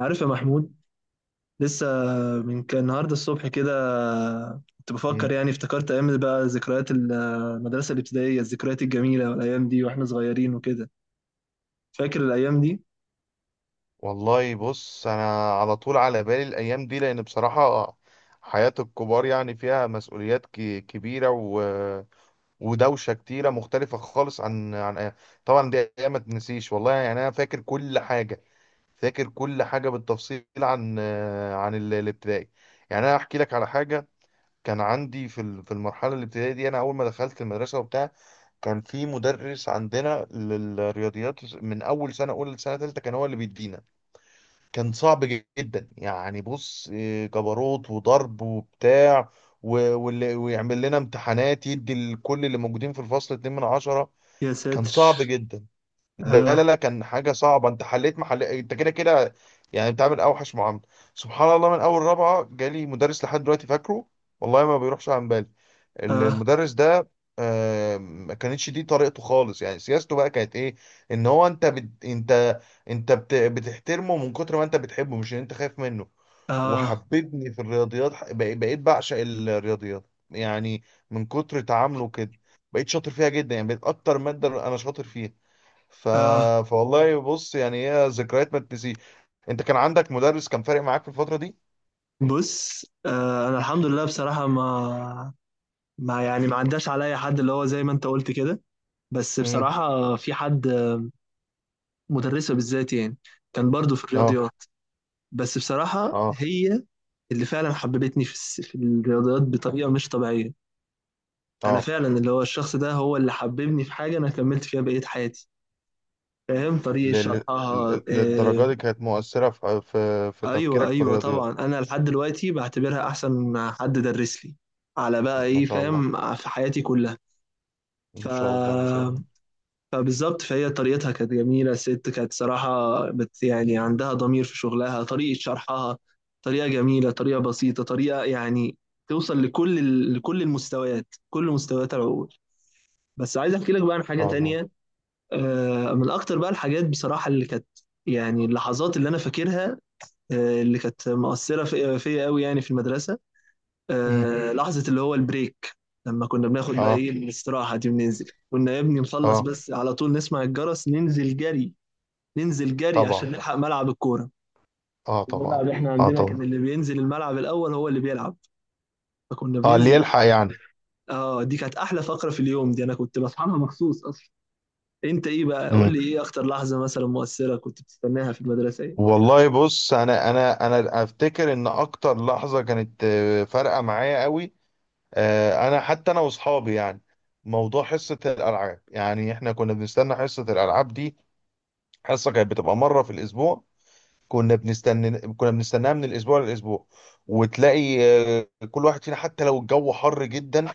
عارف يا محمود؟ لسه من كان النهارده الصبح كده كنت مم. بفكر، افتكرت ايام، بقى ذكريات المدرسه الابتدائيه، الذكريات الجميله والايام دي واحنا صغيرين وكده. فاكر الايام دي؟ والله بص، انا على طول على بالي الايام دي لان بصراحة حياة الكبار يعني فيها مسؤوليات كبيرة ودوشة كتيرة مختلفة خالص عن طبعا دي ايام ما تنسيش، والله يعني انا فاكر كل حاجة، فاكر كل حاجة بالتفصيل عن الابتدائي. يعني انا احكي لك على حاجة. كان عندي في في المرحلة الابتدائية دي، انا اول ما دخلت المدرسة وبتاع، كان في مدرس عندنا للرياضيات من اول سنة اولى لسنة تالتة، كان هو اللي بيدينا. كان صعب جدا، يعني بص إيه، جبروت وضرب وبتاع. و- واللي ويعمل لنا امتحانات، يدي لكل اللي موجودين في الفصل اتنين من عشرة. يا كان ساتر. صعب جدا. لا لا اه لا، كان حاجة صعبة. انت حليت محل انت كده كده، يعني بتعمل اوحش معاملة. سبحان الله، من اول رابعة جالي مدرس لحد دلوقتي فاكره، والله ما بيروحش عن بالي اه المدرس ده. آه، ما كانتش دي طريقته خالص، يعني سياسته بقى كانت ايه؟ ان هو انت انت، بتحترمه من كتر ما انت بتحبه، مش ان انت خايف منه. اه وحببني في الرياضيات، بقيت بعشق الرياضيات يعني من كتر تعامله كده. بقيت شاطر فيها جدا، يعني بقيت اكتر مادة انا شاطر فيها. ف... اه. فوالله بص، يعني هي ذكريات ما تنسي. انت كان عندك مدرس كان فارق معاك في الفترة دي؟ بص آه، انا الحمد لله بصراحه ما عداش عليا حد اللي هو زي ما انت قلت كده. بس امم. بصراحه في حد، مدرسه بالذات، كان برضو في اه الرياضيات. بس بصراحه اه هي اللي فعلا حببتني في في الرياضيات بطريقه مش طبيعيه. انا اه. فعلا اللي هو الشخص ده هو اللي حببني في حاجه انا كملت فيها بقيه حياتي. فاهم؟ طريقه ل... ل... شرحها آه. للدرجة دي كانت مؤثرة في ايوه تفكيرك في ايوه الرياضيات؟ طبعا، انا لحد دلوقتي بعتبرها احسن حد درس لي على بقى مم. ما ايه، شاء الله، فاهم، في حياتي كلها. ف ما شاء الله ما شاء الله ما فبالظبط، فهي طريقتها كانت جميلة. الست كانت صراحة بت يعني عندها ضمير في شغلها. طريقة شرحها طريقة جميلة، طريقة بسيطة، طريقة توصل لكل المستويات، كل مستويات العقول. بس عايز احكي لك بقى عن حاجة شاء الله. تانية. من اكتر بقى الحاجات بصراحة اللي كانت، يعني اللحظات اللي انا فاكرها، اللي كانت مؤثرة فيا قوي يعني في المدرسة، امم. آه، لحظة اللي هو البريك. لما كنا بناخد بقى اه ايه الاستراحة دي وننزل، كنا يا ابني نخلص اه بس على طول نسمع الجرس ننزل جري. ننزل جري عشان طبعا. نلحق ملعب الكورة. اه طبعا. الملعب احنا اه عندنا كان طبعا. اللي بينزل الملعب الأول هو اللي بيلعب، فكنا اه، اللي بننزل جري. يلحق يعني. اه، دي كانت أحلى فقرة في اليوم. دي أنا كنت بصحى لها مخصوص أصلا. أنت إيه بقى؟ قول امم لي إيه أكتر لحظة مثلا مؤثرة كنت بتستناها في المدرسة إيه؟ والله بص، انا افتكر ان اكتر لحظة كانت فارقة معايا قوي. انا حتى انا واصحابي، يعني موضوع حصه الالعاب، يعني احنا كنا بنستنى حصه الالعاب دي. حصه كانت بتبقى مره في الاسبوع، كنا بنستناها من الاسبوع للاسبوع. وتلاقي كل واحد فينا، حتى لو الجو حر جدا،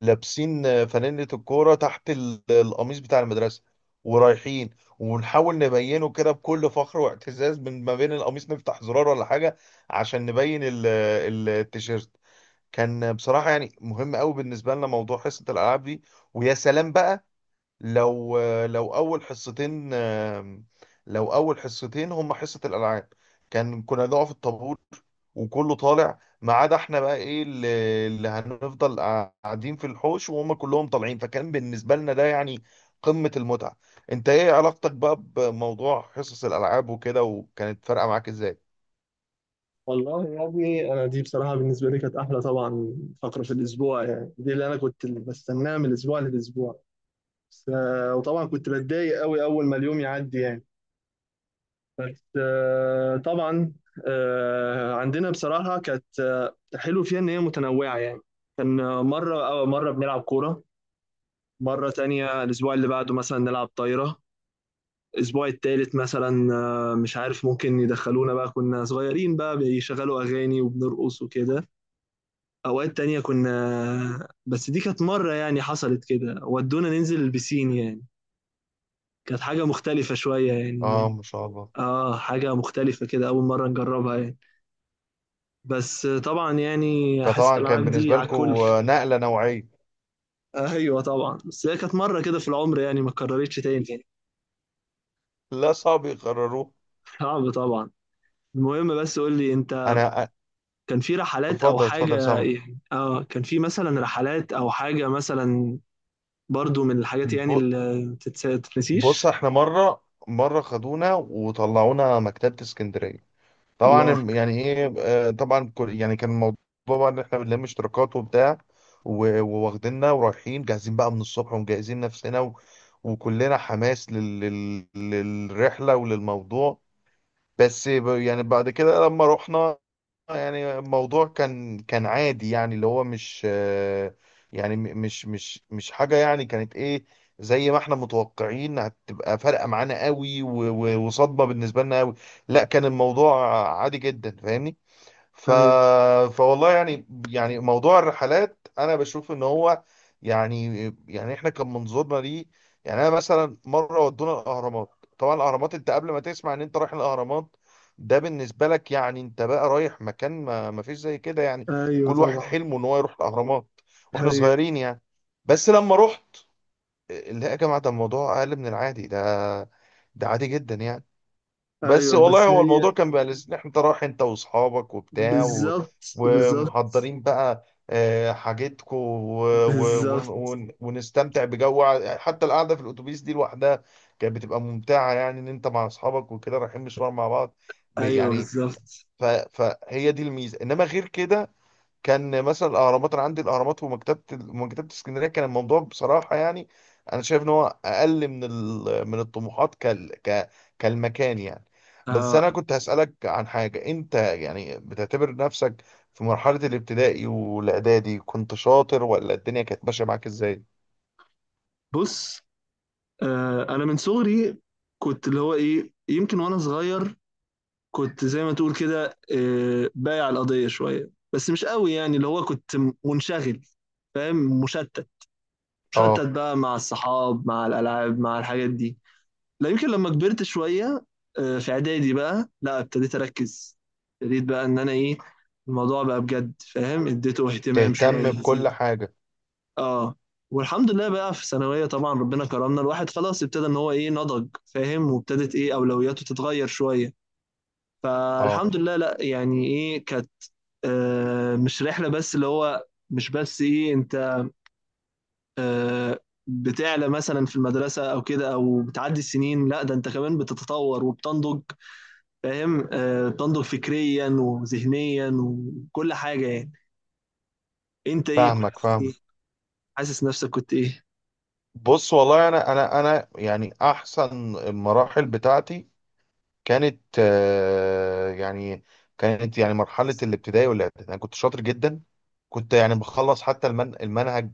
لابسين فانلة الكوره تحت القميص بتاع المدرسه، ورايحين ونحاول نبينه كده بكل فخر واعتزاز، من ما بين القميص نفتح زرار ولا حاجه عشان نبين التيشيرت. كان بصراحة يعني مهم قوي بالنسبة لنا موضوع حصة الألعاب دي. ويا سلام بقى لو لو أول حصتين لو أول حصتين هم حصة الألعاب، كان كنا نقف الطابور وكله طالع ما عدا احنا، بقى ايه اللي هنفضل قاعدين في الحوش وهم كلهم طالعين. فكان بالنسبة لنا ده يعني قمة المتعة. انت ايه علاقتك بقى بموضوع حصص الألعاب وكده، وكانت فارقة معاك ازاي؟ والله يا ابني انا دي بصراحه بالنسبه لي كانت احلى طبعا فقره في الاسبوع. يعني دي اللي انا كنت بستناها من الاسبوع للاسبوع. بس آه، وطبعا كنت بتضايق قوي اول ما اليوم يعدي يعني. بس آه، طبعا آه، عندنا بصراحه كانت آه، حلو فيها ان هي متنوعه يعني. كان آه، مره بنلعب كوره، مره تانية الاسبوع اللي بعده مثلا نلعب طايره، الاسبوع التالت مثلا آه، مش عارف، ممكن يدخلونا بقى، كنا صغيرين بقى، بيشغلوا اغاني وبنرقص وكده. اوقات تانية كنا آه، بس دي كانت مره يعني حصلت كده ودونا ننزل البسين يعني، كانت حاجة مختلفة شوية يعني. اه، ما شاء الله. اه حاجة مختلفة كده، أول مرة نجربها يعني. بس طبعا يعني حصة فطبعا كان الألعاب دي بالنسبة على لكم الكل. نقلة نوعية. أيوة طبعا، بس هي كانت مرة كده في العمر يعني، ما اتكررتش تاني يعني. لا، صعب يقرروه. صعب طبعا. المهم بس قول لي أنت، انا. كان في رحلات أو اتفضل اتفضل، حاجة سامع. يعني؟ اه كان في مثلا رحلات أو حاجة مثلا، برضو من الحاجات يعني ب- اللي ما تتس- بص تتنسيش. احنا مره خدونا وطلعونا مكتبه اسكندريه. طبعا الله. يعني ايه، طبعا يعني كان الموضوع بقى ان احنا بنلم اشتراكات وبتاع، وواخديننا ورايحين جاهزين بقى من الصبح ومجهزين نفسنا وكلنا حماس للرحله وللموضوع. بس يعني بعد كده لما رحنا، يعني الموضوع كان، عادي يعني، اللي هو مش يعني مش حاجة يعني كانت ايه زي ما احنا متوقعين هتبقى فارقة معانا قوي وصدمة بالنسبة لنا قوي. لا، كان الموضوع عادي جدا، فاهمني. ف... ايوه فوالله يعني، يعني موضوع الرحلات، انا بشوف ان هو يعني، يعني احنا كان منظورنا ليه. يعني انا مثلا مره ودونا الاهرامات. طبعا الاهرامات، انت قبل ما تسمع ان انت رايح الاهرامات ده بالنسبه لك يعني، انت بقى رايح مكان ما، ما فيش زي كده يعني، ايوه كل واحد طبعا. حلمه ان هو يروح الاهرامات واحنا ايوه صغيرين يعني. بس لما رحت، لا يا جماعه، ده الموضوع اقل من العادي، ده ده عادي جدا يعني. بس ايوه. والله بس هو هي الموضوع كان بقى لذيذ، إن احنا، انت رايح انت واصحابك وبتاع، بالظبط بالظبط. ومحضرين بقى حاجتكو، بالظبط. ونستمتع بجو، حتى القعده في الاتوبيس دي لوحدها كانت بتبقى ممتعه، يعني ان انت مع اصحابك وكده رايحين مشوار مع بعض. ايوه يعني بالظبط. فهي دي الميزه، انما غير كده كان مثلا الاهرامات، انا عندي الاهرامات ومكتبه اسكندريه، كان الموضوع بصراحه يعني انا شايف ان هو اقل من من الطموحات، كالمكان يعني. بس انا آه. كنت هسالك عن حاجه. انت يعني بتعتبر نفسك في مرحله الابتدائي والاعدادي كنت شاطر، ولا الدنيا كانت ماشيه معاك ازاي؟ بص آه، انا من صغري كنت اللي هو ايه، يمكن وانا صغير كنت زي ما تقول كده آه، بايع القضيه شويه، بس مش قوي، يعني اللي هو كنت منشغل، فاهم، مشتت. مشتت اه. بقى مع الصحاب مع الالعاب مع الحاجات دي. لا يمكن لما كبرت شويه آه، في اعدادي بقى لا ابتديت اركز، ابتديت بقى ان انا ايه، الموضوع بقى بجد فاهم، اديته اهتمام شويه. تهتم بكل حاجه. اه. والحمد لله بقى في ثانوية طبعا ربنا كرمنا، الواحد خلاص ابتدى ان هو ايه، نضج فاهم، وابتدت ايه اولوياته تتغير شوية. اه. فالحمد لله، لا يعني ايه كانت آه، مش رحلة بس اللي هو، مش بس ايه انت آه، بتعلى مثلا في المدرسة او كده، او بتعدي السنين، لا ده انت كمان بتتطور وبتنضج فاهم، آه، بتنضج فكريا وذهنيا وكل حاجة يعني. انت ايه كنت فاهمك إيه؟ فاهمك. حاسس نفسك كنت ايه؟ بص، والله انا، يعني احسن المراحل بتاعتي كانت يعني، كانت يعني مرحلة الابتدائي والإعدادي أنا كنت شاطر جدا. كنت يعني بخلص حتى المنهج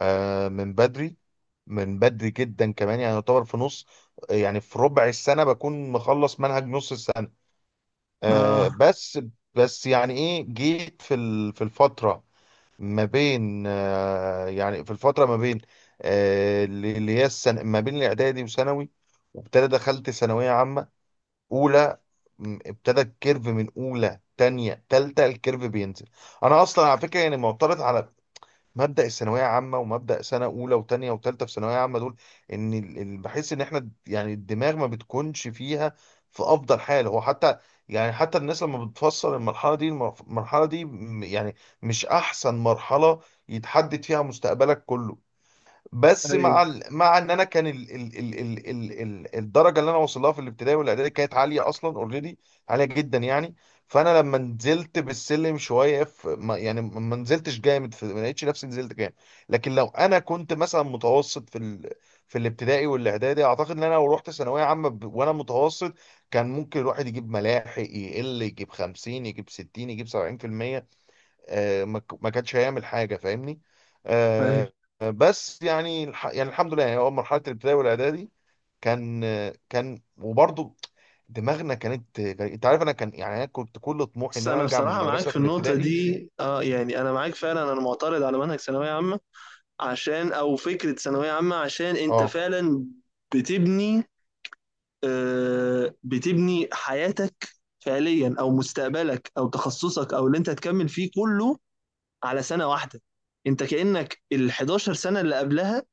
من بدري من بدري جدا كمان، يعني يعتبر في نص، يعني في ربع السنة بكون مخلص منهج نص السنة. اه بس، بس يعني إيه، جيت في في الفترة ما بين، يعني في الفترة ما بين اللي هي السنة ما بين الإعدادي وثانوي. وابتدى دخلت ثانوية عامة اولى، ابتدى الكيرف من اولى تانية تالتة، الكيرف بينزل. انا اصلا على فكره يعني معترض على مبدا الثانويه عامه، ومبدا سنه اولى وتانية وتالتة في ثانويه عامه دول. ان بحس ان احنا، يعني الدماغ ما بتكونش فيها في افضل حال هو. حتى يعني حتى الناس لما بتفصل المرحله دي، المرحله دي يعني مش احسن مرحله يتحدد فيها مستقبلك كله. بس ايوه مع ان انا كان الدرجه اللي انا وصلها في الابتدائي والاعدادي كانت عاليه اصلا اوريدي، عاليه جدا يعني. فانا لما نزلت بالسلم شويه، في... ما... يعني ما نزلتش جامد، ما لقيتش نفسي نزلت جامد. لكن لو انا كنت مثلا متوسط في الابتدائي والاعدادي، اعتقد ان انا لو رحت ثانويه عامه وانا متوسط، كان ممكن الواحد يجيب ملاحق، يقل يجيب 50 يجيب 60 يجيب 70%. ما كانش هيعمل حاجه، فاهمني. ايوه. آه، بس يعني يعني الحمد لله، يعني هو مرحله الابتدائي والاعدادي كان، وبرضه دماغنا كانت، انت عارف انا كان، يعني انا كنت كل طموحي بس ان انا انا ارجع من بصراحه معاك المدرسه في في النقطه الابتدائي. دي، اه يعني انا معاك فعلا، انا معترض على منهج ثانويه عامه، عشان او فكره ثانويه عامه، عشان انت اه. فعلا بتبني آه، بتبني حياتك فعليا او مستقبلك او تخصصك او اللي انت هتكمل فيه كله على سنه واحده. انت كانك ال 11 سنه اللي قبلها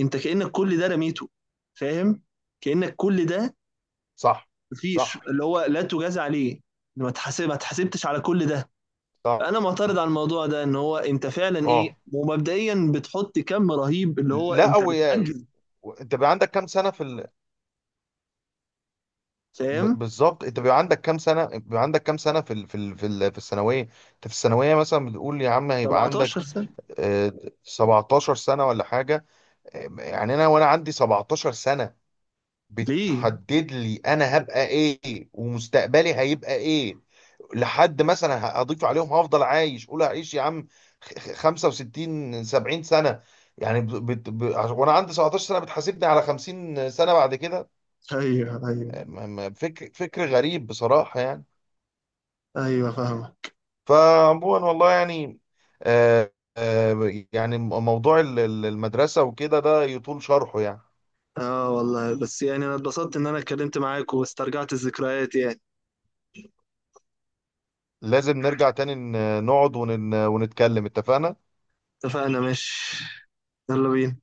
انت كانك كل ده رميته، فاهم، كانك كل ده صح مفيش صح اللي هو لا تجاز عليه، ما تحاسب ما تحاسبتش على كل ده. صح. انا معترض على الموضوع ده ان هو انت فعلا ايه، اه. ومبدئيا بتحط كم رهيب اللي هو لا انت بتعجز انت بيبقى عندك كام سنه فاهم. بالظبط، انت بيبقى عندك كام سنه، في في الثانويه. انت في الثانويه مثلا بتقول يا عم هيبقى 17 عندك سنة. آه، 17 سنة ولا حاجة. يعني أنا، وأنا عندي 17 سنة ليه؟ بتحدد لي أنا هبقى إيه ومستقبلي هيبقى إيه. لحد مثلا هضيف عليهم هفضل عايش، قول هعيش يا عم 65 70 سنة. يعني ب... بت... ب... عش- وأنا عندي 17 سنة بتحاسبني على 50 سنة بعد كده. ايوه ايوه فكر غريب بصراحة يعني. ايوه فاهمة. فعموما، والله يعني، يعني موضوع المدرسة وكده ده يطول شرحه يعني. اه والله بس يعني انا اتبسطت ان انا اتكلمت معاك واسترجعت الذكريات يعني. لازم نرجع تاني نقعد ونتكلم، اتفقنا. اتفقنا ماشي. يلا بينا.